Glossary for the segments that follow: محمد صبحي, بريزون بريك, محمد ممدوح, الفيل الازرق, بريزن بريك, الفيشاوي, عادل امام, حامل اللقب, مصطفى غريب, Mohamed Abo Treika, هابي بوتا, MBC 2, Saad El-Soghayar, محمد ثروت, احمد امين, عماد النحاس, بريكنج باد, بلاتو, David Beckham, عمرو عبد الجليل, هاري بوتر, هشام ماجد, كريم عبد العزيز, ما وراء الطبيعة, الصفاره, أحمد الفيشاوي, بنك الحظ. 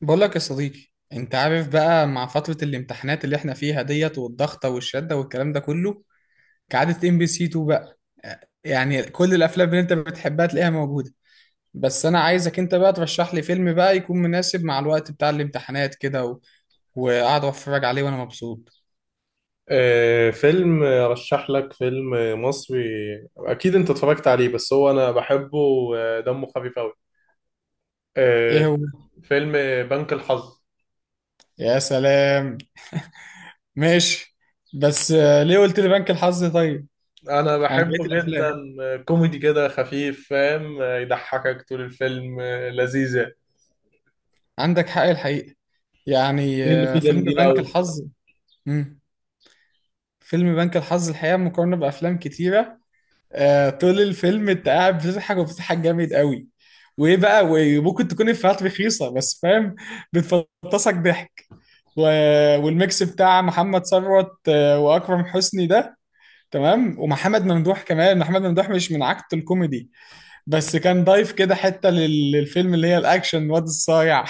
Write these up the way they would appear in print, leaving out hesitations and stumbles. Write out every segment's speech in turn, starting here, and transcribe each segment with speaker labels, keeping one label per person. Speaker 1: بقول لك يا صديقي، انت عارف بقى، مع فترة الامتحانات اللي احنا فيها ديت والضغطة والشدة والكلام ده كله، كعادة ام بي سي 2 بقى. يعني كل الافلام اللي انت بتحبها تلاقيها موجودة. بس انا عايزك انت بقى ترشح لي فيلم بقى يكون مناسب مع الوقت بتاع الامتحانات كده وقاعد اتفرج عليه وانا مبسوط.
Speaker 2: فيلم رشح لك فيلم مصري. اكيد انت اتفرجت عليه بس هو انا بحبه ودمه خفيف قوي. آه،
Speaker 1: ايه هو؟
Speaker 2: فيلم بنك الحظ.
Speaker 1: يا سلام، ماشي. بس ليه قلت لي بنك الحظ طيب؟
Speaker 2: انا
Speaker 1: عن بقية
Speaker 2: بحبه
Speaker 1: الافلام.
Speaker 2: جدا، كوميدي كده خفيف، فاهم، يضحكك طول الفيلم، لذيذ يعني.
Speaker 1: عندك حق الحقيقة. يعني
Speaker 2: دي اللي فيه
Speaker 1: فيلم
Speaker 2: جامدين
Speaker 1: بنك
Speaker 2: قوي.
Speaker 1: الحظ. مم. فيلم بنك الحظ الحقيقة مقارنة بأفلام كتيرة. طول الفيلم أنت قاعد بتضحك وبتضحك جامد قوي، وإيه بقى، وممكن تكون إفيهات رخيصة بس فاهم، بتفطسك ضحك. و... والميكس بتاع محمد ثروت، وأكرم حسني ده، تمام، ومحمد ممدوح كمان. محمد ممدوح مش من عكت الكوميدي، بس كان ضايف كده حتة للفيلم، اللي هي الأكشن واد الصايع.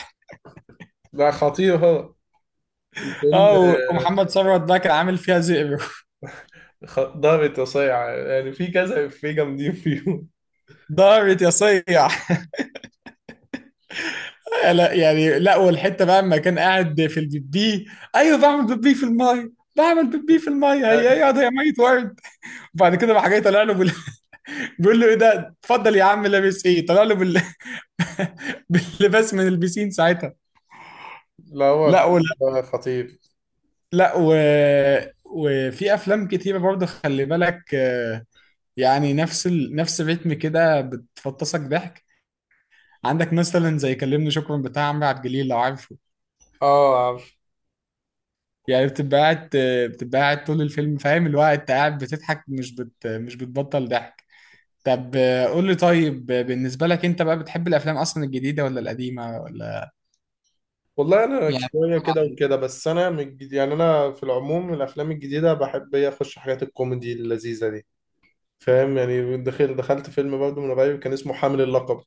Speaker 2: لا، خطير هو الفيلم.
Speaker 1: اه، ومحمد ثروت ده كان عامل فيها زئبق.
Speaker 2: ضابط وصايع يعني، في كذا، في جامدين فيهم.
Speaker 1: دارت يا صيع. لا، يعني لا، والحته بقى لما كان قاعد في البيبي، ايوه، بعمل بيبي في الميه، بعمل بيبي في الميه،
Speaker 2: لا،
Speaker 1: هي ايه ده يا ميت ورد؟ وبعد كده راح جاي طالع له بيقول له ايه ده، اتفضل يا عم، لابس ايه؟ طلع له باللباس من البسين ساعتها.
Speaker 2: لا، هو
Speaker 1: لا، ولا.
Speaker 2: الفيلم ده خطير.
Speaker 1: لا وفي افلام كتيره برضه خلي بالك، يعني نفس نفس الريتم كده بتفطسك ضحك. عندك مثلا زي كلمني شكرا بتاع عمرو عبد الجليل، لو عارفه.
Speaker 2: اه،
Speaker 1: يعني بتبقى قاعد طول الفيلم، فاهم، اللي هو انت قاعد بتضحك، مش بتبطل ضحك. طب قول لي طيب، بالنسبة لك انت بقى، بتحب الافلام اصلا الجديدة ولا القديمة، ولا؟
Speaker 2: والله انا
Speaker 1: يعني
Speaker 2: شويه
Speaker 1: بتتفرج
Speaker 2: كده
Speaker 1: على
Speaker 2: وكده. بس انا يعني انا في العموم الافلام الجديده بحب إيه، اخش حاجات الكوميدي اللذيذه دي. فاهم يعني، دخلت فيلم برضه من قريب كان اسمه حامل اللقب،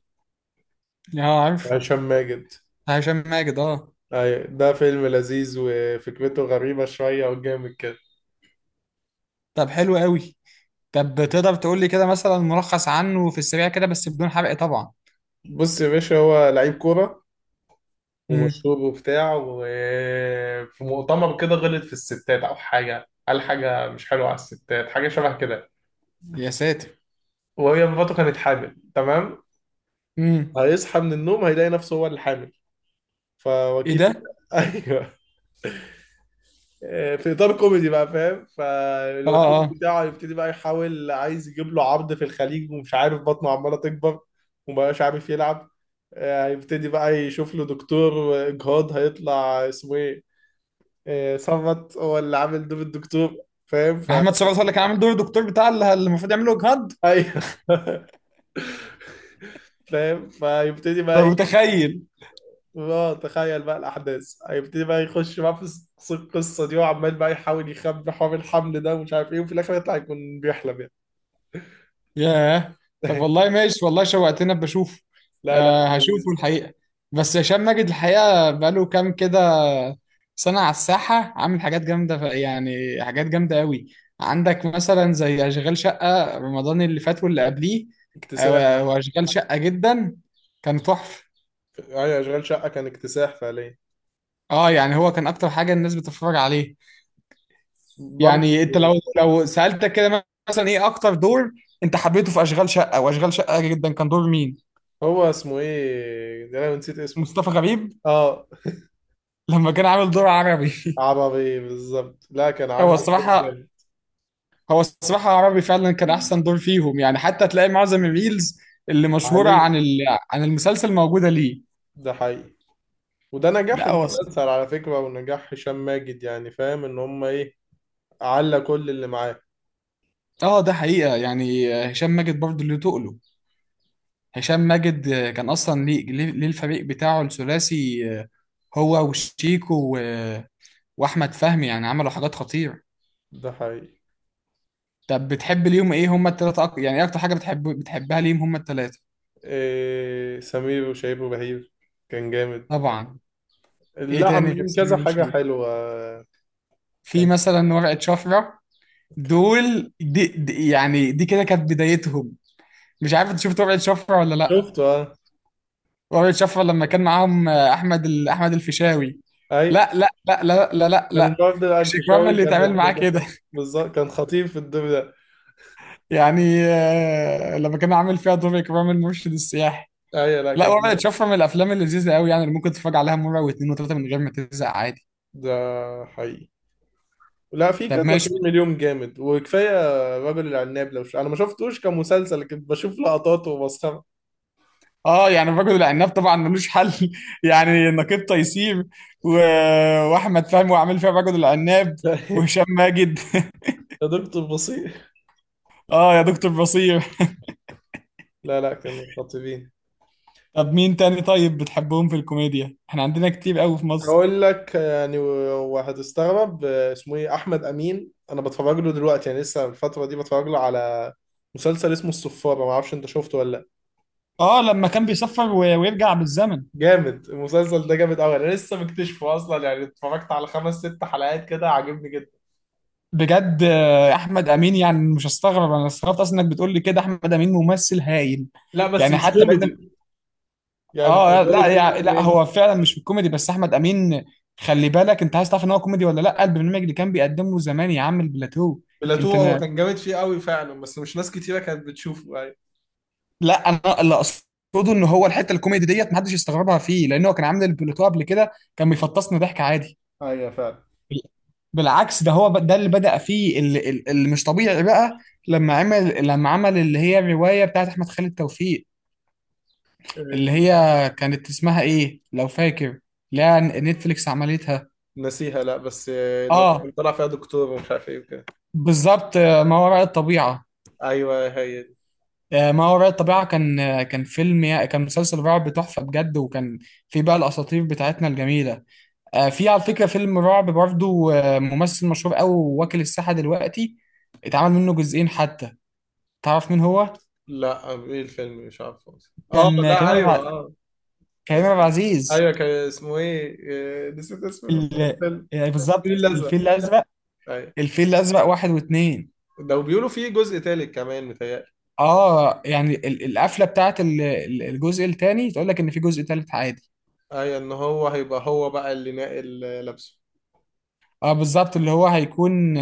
Speaker 1: ايه؟ اه، عارف.
Speaker 2: بتاع هشام ماجد.
Speaker 1: هشام ماجد، اه.
Speaker 2: أيوة، ده فيلم لذيذ وفكرته غريبه شويه وجامد كده.
Speaker 1: طب حلو قوي. طب تقدر تقول لي كده مثلا ملخص عنه في السريع كده، بس بدون حرق طبعا.
Speaker 2: بص يا باشا، هو لعيب كوره
Speaker 1: امم.
Speaker 2: ومشهور وبتاع، وفي مؤتمر كده غلط في الستات، او حاجه، قال حاجه مش حلوه على الستات، حاجه شبه كده.
Speaker 1: يا ساتر.
Speaker 2: وهي مراته كانت حامل، تمام؟
Speaker 1: امم.
Speaker 2: هيصحى من النوم هيلاقي نفسه هو اللي حامل.
Speaker 1: ايه
Speaker 2: فوكيل
Speaker 1: ده؟
Speaker 2: ايوه. في اطار كوميدي بقى فاهم.
Speaker 1: اه.
Speaker 2: فالوكيل
Speaker 1: اه.
Speaker 2: بتاعه يبتدي بقى يحاول عايز يجيب له عرض في الخليج ومش عارف، بطنه عماله تكبر ومبقاش عارف يلعب. هيبتدي بقى يشوف له دكتور اجهاض، هيطلع اسمه ايه، صمت، هو اللي عامل دور الدكتور، فاهم.
Speaker 1: محمد صبحي هو اللي كان عامل دور الدكتور، بتاع اللي المفروض يعمله جهاد.
Speaker 2: ايوه. فاهم، فيبتدي بقى
Speaker 1: ده
Speaker 2: ايه.
Speaker 1: متخيل.
Speaker 2: اه، تخيل بقى الاحداث، هيبتدي بقى يخش بقى في القصه دي، وعمال بقى يحاول يخبي حوار الحمل ده ومش عارف ايه، وفي الاخر يطلع يكون بيحلم يعني.
Speaker 1: ياه. طب والله ماشي، والله شوقتنا بشوفه.
Speaker 2: لا، لا،
Speaker 1: هشوفه
Speaker 2: لذيذ.
Speaker 1: الحقيقة. بس هشام ماجد الحقيقة بقاله كام كده سنة على الساحة، عامل حاجات جامدة، يعني حاجات جامدة قوي. عندك مثلا زي أشغال شقة رمضان اللي فات واللي قبليه.
Speaker 2: اكتساح.
Speaker 1: وأشغال شقة جدا كان تحفة.
Speaker 2: ايوه، اشغال شقه كان اكتساح فعليا
Speaker 1: اه، يعني هو كان أكتر حاجة الناس بتتفرج عليه.
Speaker 2: برضه.
Speaker 1: يعني أنت لو سألتك كده مثلا، إيه أكتر دور أنت حبيته في أشغال شقة وأشغال شقة جدا؟ كان دور مين؟
Speaker 2: هو اسمه ايه ده، انا نسيت اسمه.
Speaker 1: مصطفى غريب.
Speaker 2: اه،
Speaker 1: لما كان عامل دور عربي.
Speaker 2: عربي بالظبط. لا، كان
Speaker 1: هو
Speaker 2: عامل الدور
Speaker 1: الصراحة
Speaker 2: جامد.
Speaker 1: هو الصراحة عربي فعلا كان أحسن دور فيهم، يعني حتى تلاقي معظم الريلز اللي مشهورة عن
Speaker 2: عليه.
Speaker 1: عن المسلسل موجودة ليه.
Speaker 2: ده حقيقي. وده نجاح
Speaker 1: لا.
Speaker 2: المسلسل على فكره، ونجاح هشام ماجد، يعني فاهم ان هم ايه، على كل اللي معاه.
Speaker 1: اه، ده حقيقة، يعني هشام ماجد برضه اللي تقله، هشام ماجد كان أصلا ليه. الفريق بتاعه الثلاثي، هو وشيكو وأحمد فهمي، يعني عملوا حاجات خطيرة.
Speaker 2: ده حقيقي.
Speaker 1: طب بتحب ليهم إيه هما التلاتة؟ يعني إيه أكتر حاجة بتحبها ليهم هما التلاتة؟
Speaker 2: إيه، سمير وشهير وبهير كان جامد.
Speaker 1: طبعا. إيه
Speaker 2: لا،
Speaker 1: تاني غير
Speaker 2: عاملين كذا
Speaker 1: سمير
Speaker 2: حاجه
Speaker 1: وشيكو؟
Speaker 2: حلوه.
Speaker 1: في
Speaker 2: كان
Speaker 1: مثلا ورقة شفرة،
Speaker 2: كان
Speaker 1: دول دي يعني دي كده كانت بدايتهم. مش عارف انت شفت ورقة شفرة ولا لا.
Speaker 2: شفته، اه.
Speaker 1: ورقة شفرة لما كان معاهم احمد الفيشاوي.
Speaker 2: اي،
Speaker 1: لا، لا، لا، لا، لا، لا،
Speaker 2: كان
Speaker 1: لا.
Speaker 2: النهارده بقى
Speaker 1: مش اكرام
Speaker 2: الفيشاوي
Speaker 1: اللي
Speaker 2: كان
Speaker 1: يتعمل
Speaker 2: الدور
Speaker 1: معاه
Speaker 2: ده
Speaker 1: كده؟
Speaker 2: بالظبط، كان خطير في الدور ده.
Speaker 1: يعني لما كان عامل فيها دور اكرام المرشد السياحي.
Speaker 2: ايوه، لا،
Speaker 1: لا،
Speaker 2: كان
Speaker 1: ورقة
Speaker 2: جامد.
Speaker 1: شفرة من الافلام اللذيذة قوي، يعني اللي ممكن تتفرج عليها مرة واثنين وثلاثة من غير ما تزهق عادي.
Speaker 2: ده حقيقي. لا، في
Speaker 1: طب
Speaker 2: كذا
Speaker 1: ماشي.
Speaker 2: فيلم اليوم جامد، وكفايه رجل العناب. انا ما شفتوش كمسلسل لكن بشوف لقطات وبسخرة.
Speaker 1: اه، يعني الرجل العناب طبعا ملوش حل. يعني نقيب تيسير و... واحمد فهمي، وعامل فيها الرجل العناب،
Speaker 2: لا
Speaker 1: وهشام ماجد.
Speaker 2: يا دكتور بصير.
Speaker 1: اه، يا دكتور بصير.
Speaker 2: لا، لا، كانوا خطيرين.
Speaker 1: طب مين تاني طيب بتحبهم في الكوميديا؟ احنا عندنا كتير قوي في مصر.
Speaker 2: هقول لك يعني، وهتستغرب، اسمه ايه، احمد امين. انا بتفرج له دلوقتي، يعني لسه الفتره دي بتفرج له على مسلسل اسمه الصفاره. ما اعرفش انت شفته ولا؟
Speaker 1: اه، لما كان بيسافر ويرجع بالزمن.
Speaker 2: جامد، المسلسل ده جامد قوي. انا لسه مكتشفه اصلا، يعني اتفرجت على خمس ست حلقات كده، عاجبني جدا.
Speaker 1: بجد، احمد امين. يعني مش هستغرب، انا استغربت اصلا انك بتقول لي كده، احمد امين ممثل هايل.
Speaker 2: لا بس
Speaker 1: يعني
Speaker 2: مش
Speaker 1: حتى بعيدا.
Speaker 2: كوميدي، يعني
Speaker 1: اه،
Speaker 2: اللي هو
Speaker 1: لا، يعني
Speaker 2: كوميدي
Speaker 1: لا،
Speaker 2: إيه؟
Speaker 1: هو فعلا مش كوميدي، بس احمد امين، خلي بالك انت، عايز تعرف ان هو كوميدي ولا لا؟ البرنامج اللي كان بيقدمه زمان يا عم، البلاتو. انت
Speaker 2: بلاتو، هو
Speaker 1: نا...
Speaker 2: كان جامد فيه قوي فعلا، بس مش ناس كتيره كانت بتشوفه يعني.
Speaker 1: لا، انا اللي اقصده ان هو الحته الكوميدي ديت محدش يستغربها فيه، لان هو كان عامل البلاتو قبل كده كان بيفطسنا ضحك عادي.
Speaker 2: ايوه، فعلا.
Speaker 1: بالعكس ده هو، ده اللي بدأ فيه، اللي مش طبيعي بقى. لما عمل اللي هي الروايه بتاعت احمد خالد توفيق،
Speaker 2: إيه.
Speaker 1: اللي هي كانت اسمها ايه لو فاكر؟ لا، نتفليكس عملتها.
Speaker 2: نسيها. لا بس لو
Speaker 1: اه
Speaker 2: كان طلع فيها دكتور ومش عارف ايه وكده.
Speaker 1: بالظبط، ما وراء الطبيعة.
Speaker 2: ايوه، هي دي.
Speaker 1: ما وراء الطبيعة كان، كان مسلسل رعب تحفة بجد، وكان في بقى الأساطير بتاعتنا الجميلة. في على فكرة فيلم رعب برضو، ممثل مشهور أوي واكل الساحة دلوقتي، اتعمل منه جزئين حتى. تعرف مين هو؟
Speaker 2: لا، ايه الفيلم، مش عارفه أصلاً. اه،
Speaker 1: كان
Speaker 2: لا، ايوه،
Speaker 1: الع-
Speaker 2: اه.
Speaker 1: كريم عبد العزيز.
Speaker 2: ايوه، كان اسمه ايه، نسيت اسم
Speaker 1: ال-
Speaker 2: الفيلم،
Speaker 1: يعني
Speaker 2: الفيل
Speaker 1: بالظبط الفيل
Speaker 2: الازرق.
Speaker 1: الأزرق.
Speaker 2: ايوه،
Speaker 1: الفيل الأزرق واحد واتنين.
Speaker 2: ده بيقولوا فيه جزء تالت كمان متهيألي.
Speaker 1: اه، يعني القفلة بتاعت الجزء التاني تقول لك إن في جزء تالت عادي.
Speaker 2: ايوه، ان هو هيبقى، هو بقى اللي ناقل لابسه.
Speaker 1: اه، بالظبط، اللي هو هيكون،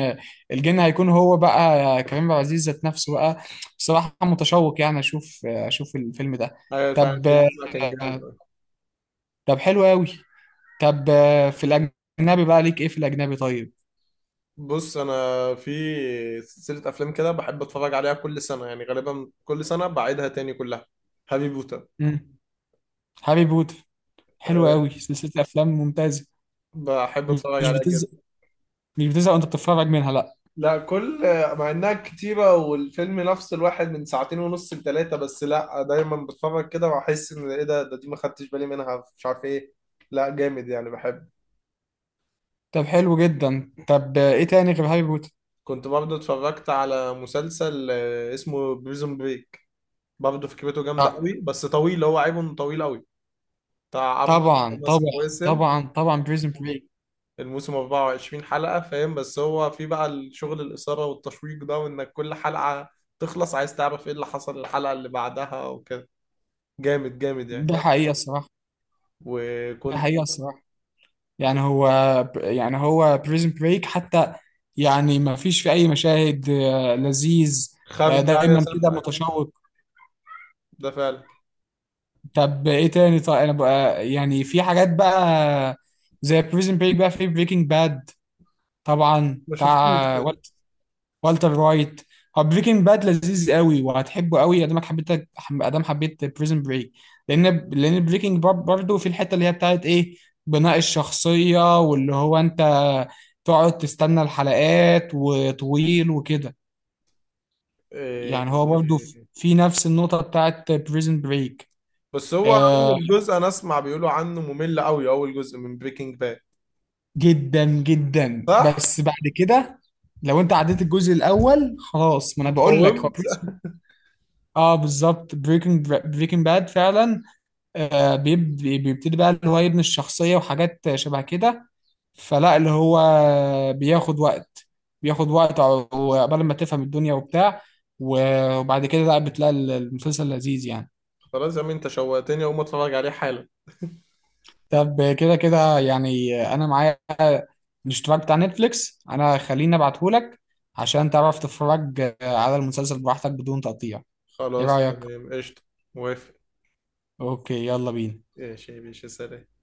Speaker 1: الجن هيكون هو بقى كريم عبد العزيز ذات نفسه بقى. بصراحة متشوق، يعني اشوف الفيلم ده.
Speaker 2: ايوه، فعلا
Speaker 1: طب.
Speaker 2: الفيلم ده كان جامد أوي.
Speaker 1: طب حلو قوي. طب. في الاجنبي بقى ليك ايه في الاجنبي طيب؟
Speaker 2: بص انا في سلسله افلام كده بحب اتفرج عليها كل سنه، يعني غالبا كل سنه بعيدها تاني كلها. هابي بوتا.
Speaker 1: امم. هاري بوتر. حلو
Speaker 2: أه،
Speaker 1: قوي، سلسلة افلام ممتازة.
Speaker 2: بحب اتفرج
Speaker 1: مش
Speaker 2: عليها
Speaker 1: بتزهق
Speaker 2: جدا.
Speaker 1: مش بتزهق وانت بتتفرج منها لا.
Speaker 2: لا، مع انها كتيره والفيلم نفس الواحد من ساعتين ونص لثلاثه، بس لا، دايما بتفرج كده واحس ان ايه ده دي ما خدتش بالي منها، مش عارف ايه. لا، جامد يعني، بحب.
Speaker 1: طب حلو جدا. طب ايه تاني غير هاري بوتر؟
Speaker 2: كنت برضه اتفرجت على مسلسل، اسمه بريزون بريك. برضه فكرته جامده
Speaker 1: آه،
Speaker 2: قوي، بس طويل، هو عيبه انه طويل قوي. بتاع عبد،
Speaker 1: طبعا،
Speaker 2: كان اسمه
Speaker 1: طبعا.
Speaker 2: وسم
Speaker 1: طبعا، طبعا، بريزن بريك.
Speaker 2: الموسم 24 حلقه. فاهم، بس هو في بقى الشغل الاثاره والتشويق ده، وانك كل حلقه تخلص عايز تعرف ايه اللي حصل الحلقه اللي بعدها وكده. جامد جامد يعني.
Speaker 1: ده حقيقة الصراحة ده
Speaker 2: وكنت
Speaker 1: حقيقة الصراحة. يعني
Speaker 2: كنت
Speaker 1: هو يعني هو بريزن بريك حتى. يعني ما فيش في اي مشاهد لذيذ.
Speaker 2: خارج يا
Speaker 1: دايما كده
Speaker 2: سنة.
Speaker 1: متشوق.
Speaker 2: ده فعلا.
Speaker 1: طب ايه تاني طيب انا بقى، يعني في حاجات بقى زي بريزن بريك، بقى في بريكنج باد. طبعا،
Speaker 2: ما شفتوش
Speaker 1: بتاع
Speaker 2: ده.
Speaker 1: والتر وايت. هو بريكنج باد لذيذ قوي وهتحبه قوي، ادامك حبيت، ادام حبيت بريزن بريك. لان بريكنج باد برضه في الحته اللي هي بتاعت ايه، بناء الشخصيه، واللي هو انت تقعد تستنى الحلقات وطويل وكده.
Speaker 2: إيه،
Speaker 1: يعني هو برضه في نفس النقطه بتاعت بريزن بريك.
Speaker 2: بس هو
Speaker 1: آه
Speaker 2: اول جزء انا اسمع بيقولوا عنه ممل قوي، اول جزء من بريكنج باد،
Speaker 1: جدا جدا،
Speaker 2: صح؟
Speaker 1: بس بعد كده لو انت عديت الجزء الاول خلاص. ما انا بقول لك هو
Speaker 2: وقومت.
Speaker 1: بريزن. اه، بالظبط، بريكنج باد فعلا. بيبتدي بقى اللي هو يبني الشخصية وحاجات شبه كده. فلا، اللي هو بياخد وقت، وقبل ما تفهم الدنيا وبتاع. وبعد كده لا، بتلاقي المسلسل لذيذ يعني.
Speaker 2: خلاص يا عم، انت شوقتني اقوم اتفرج عليه حالا.
Speaker 1: طب كده كده، يعني انا معايا الاشتراك بتاع نتفليكس، انا خليني ابعتهولك عشان تعرف تتفرج على المسلسل براحتك بدون تقطيع. ايه
Speaker 2: خلاص،
Speaker 1: رأيك؟
Speaker 2: تمام، قشطة. موافق.
Speaker 1: اوكي، يلا بينا.
Speaker 2: ايش يا باشا، سلام.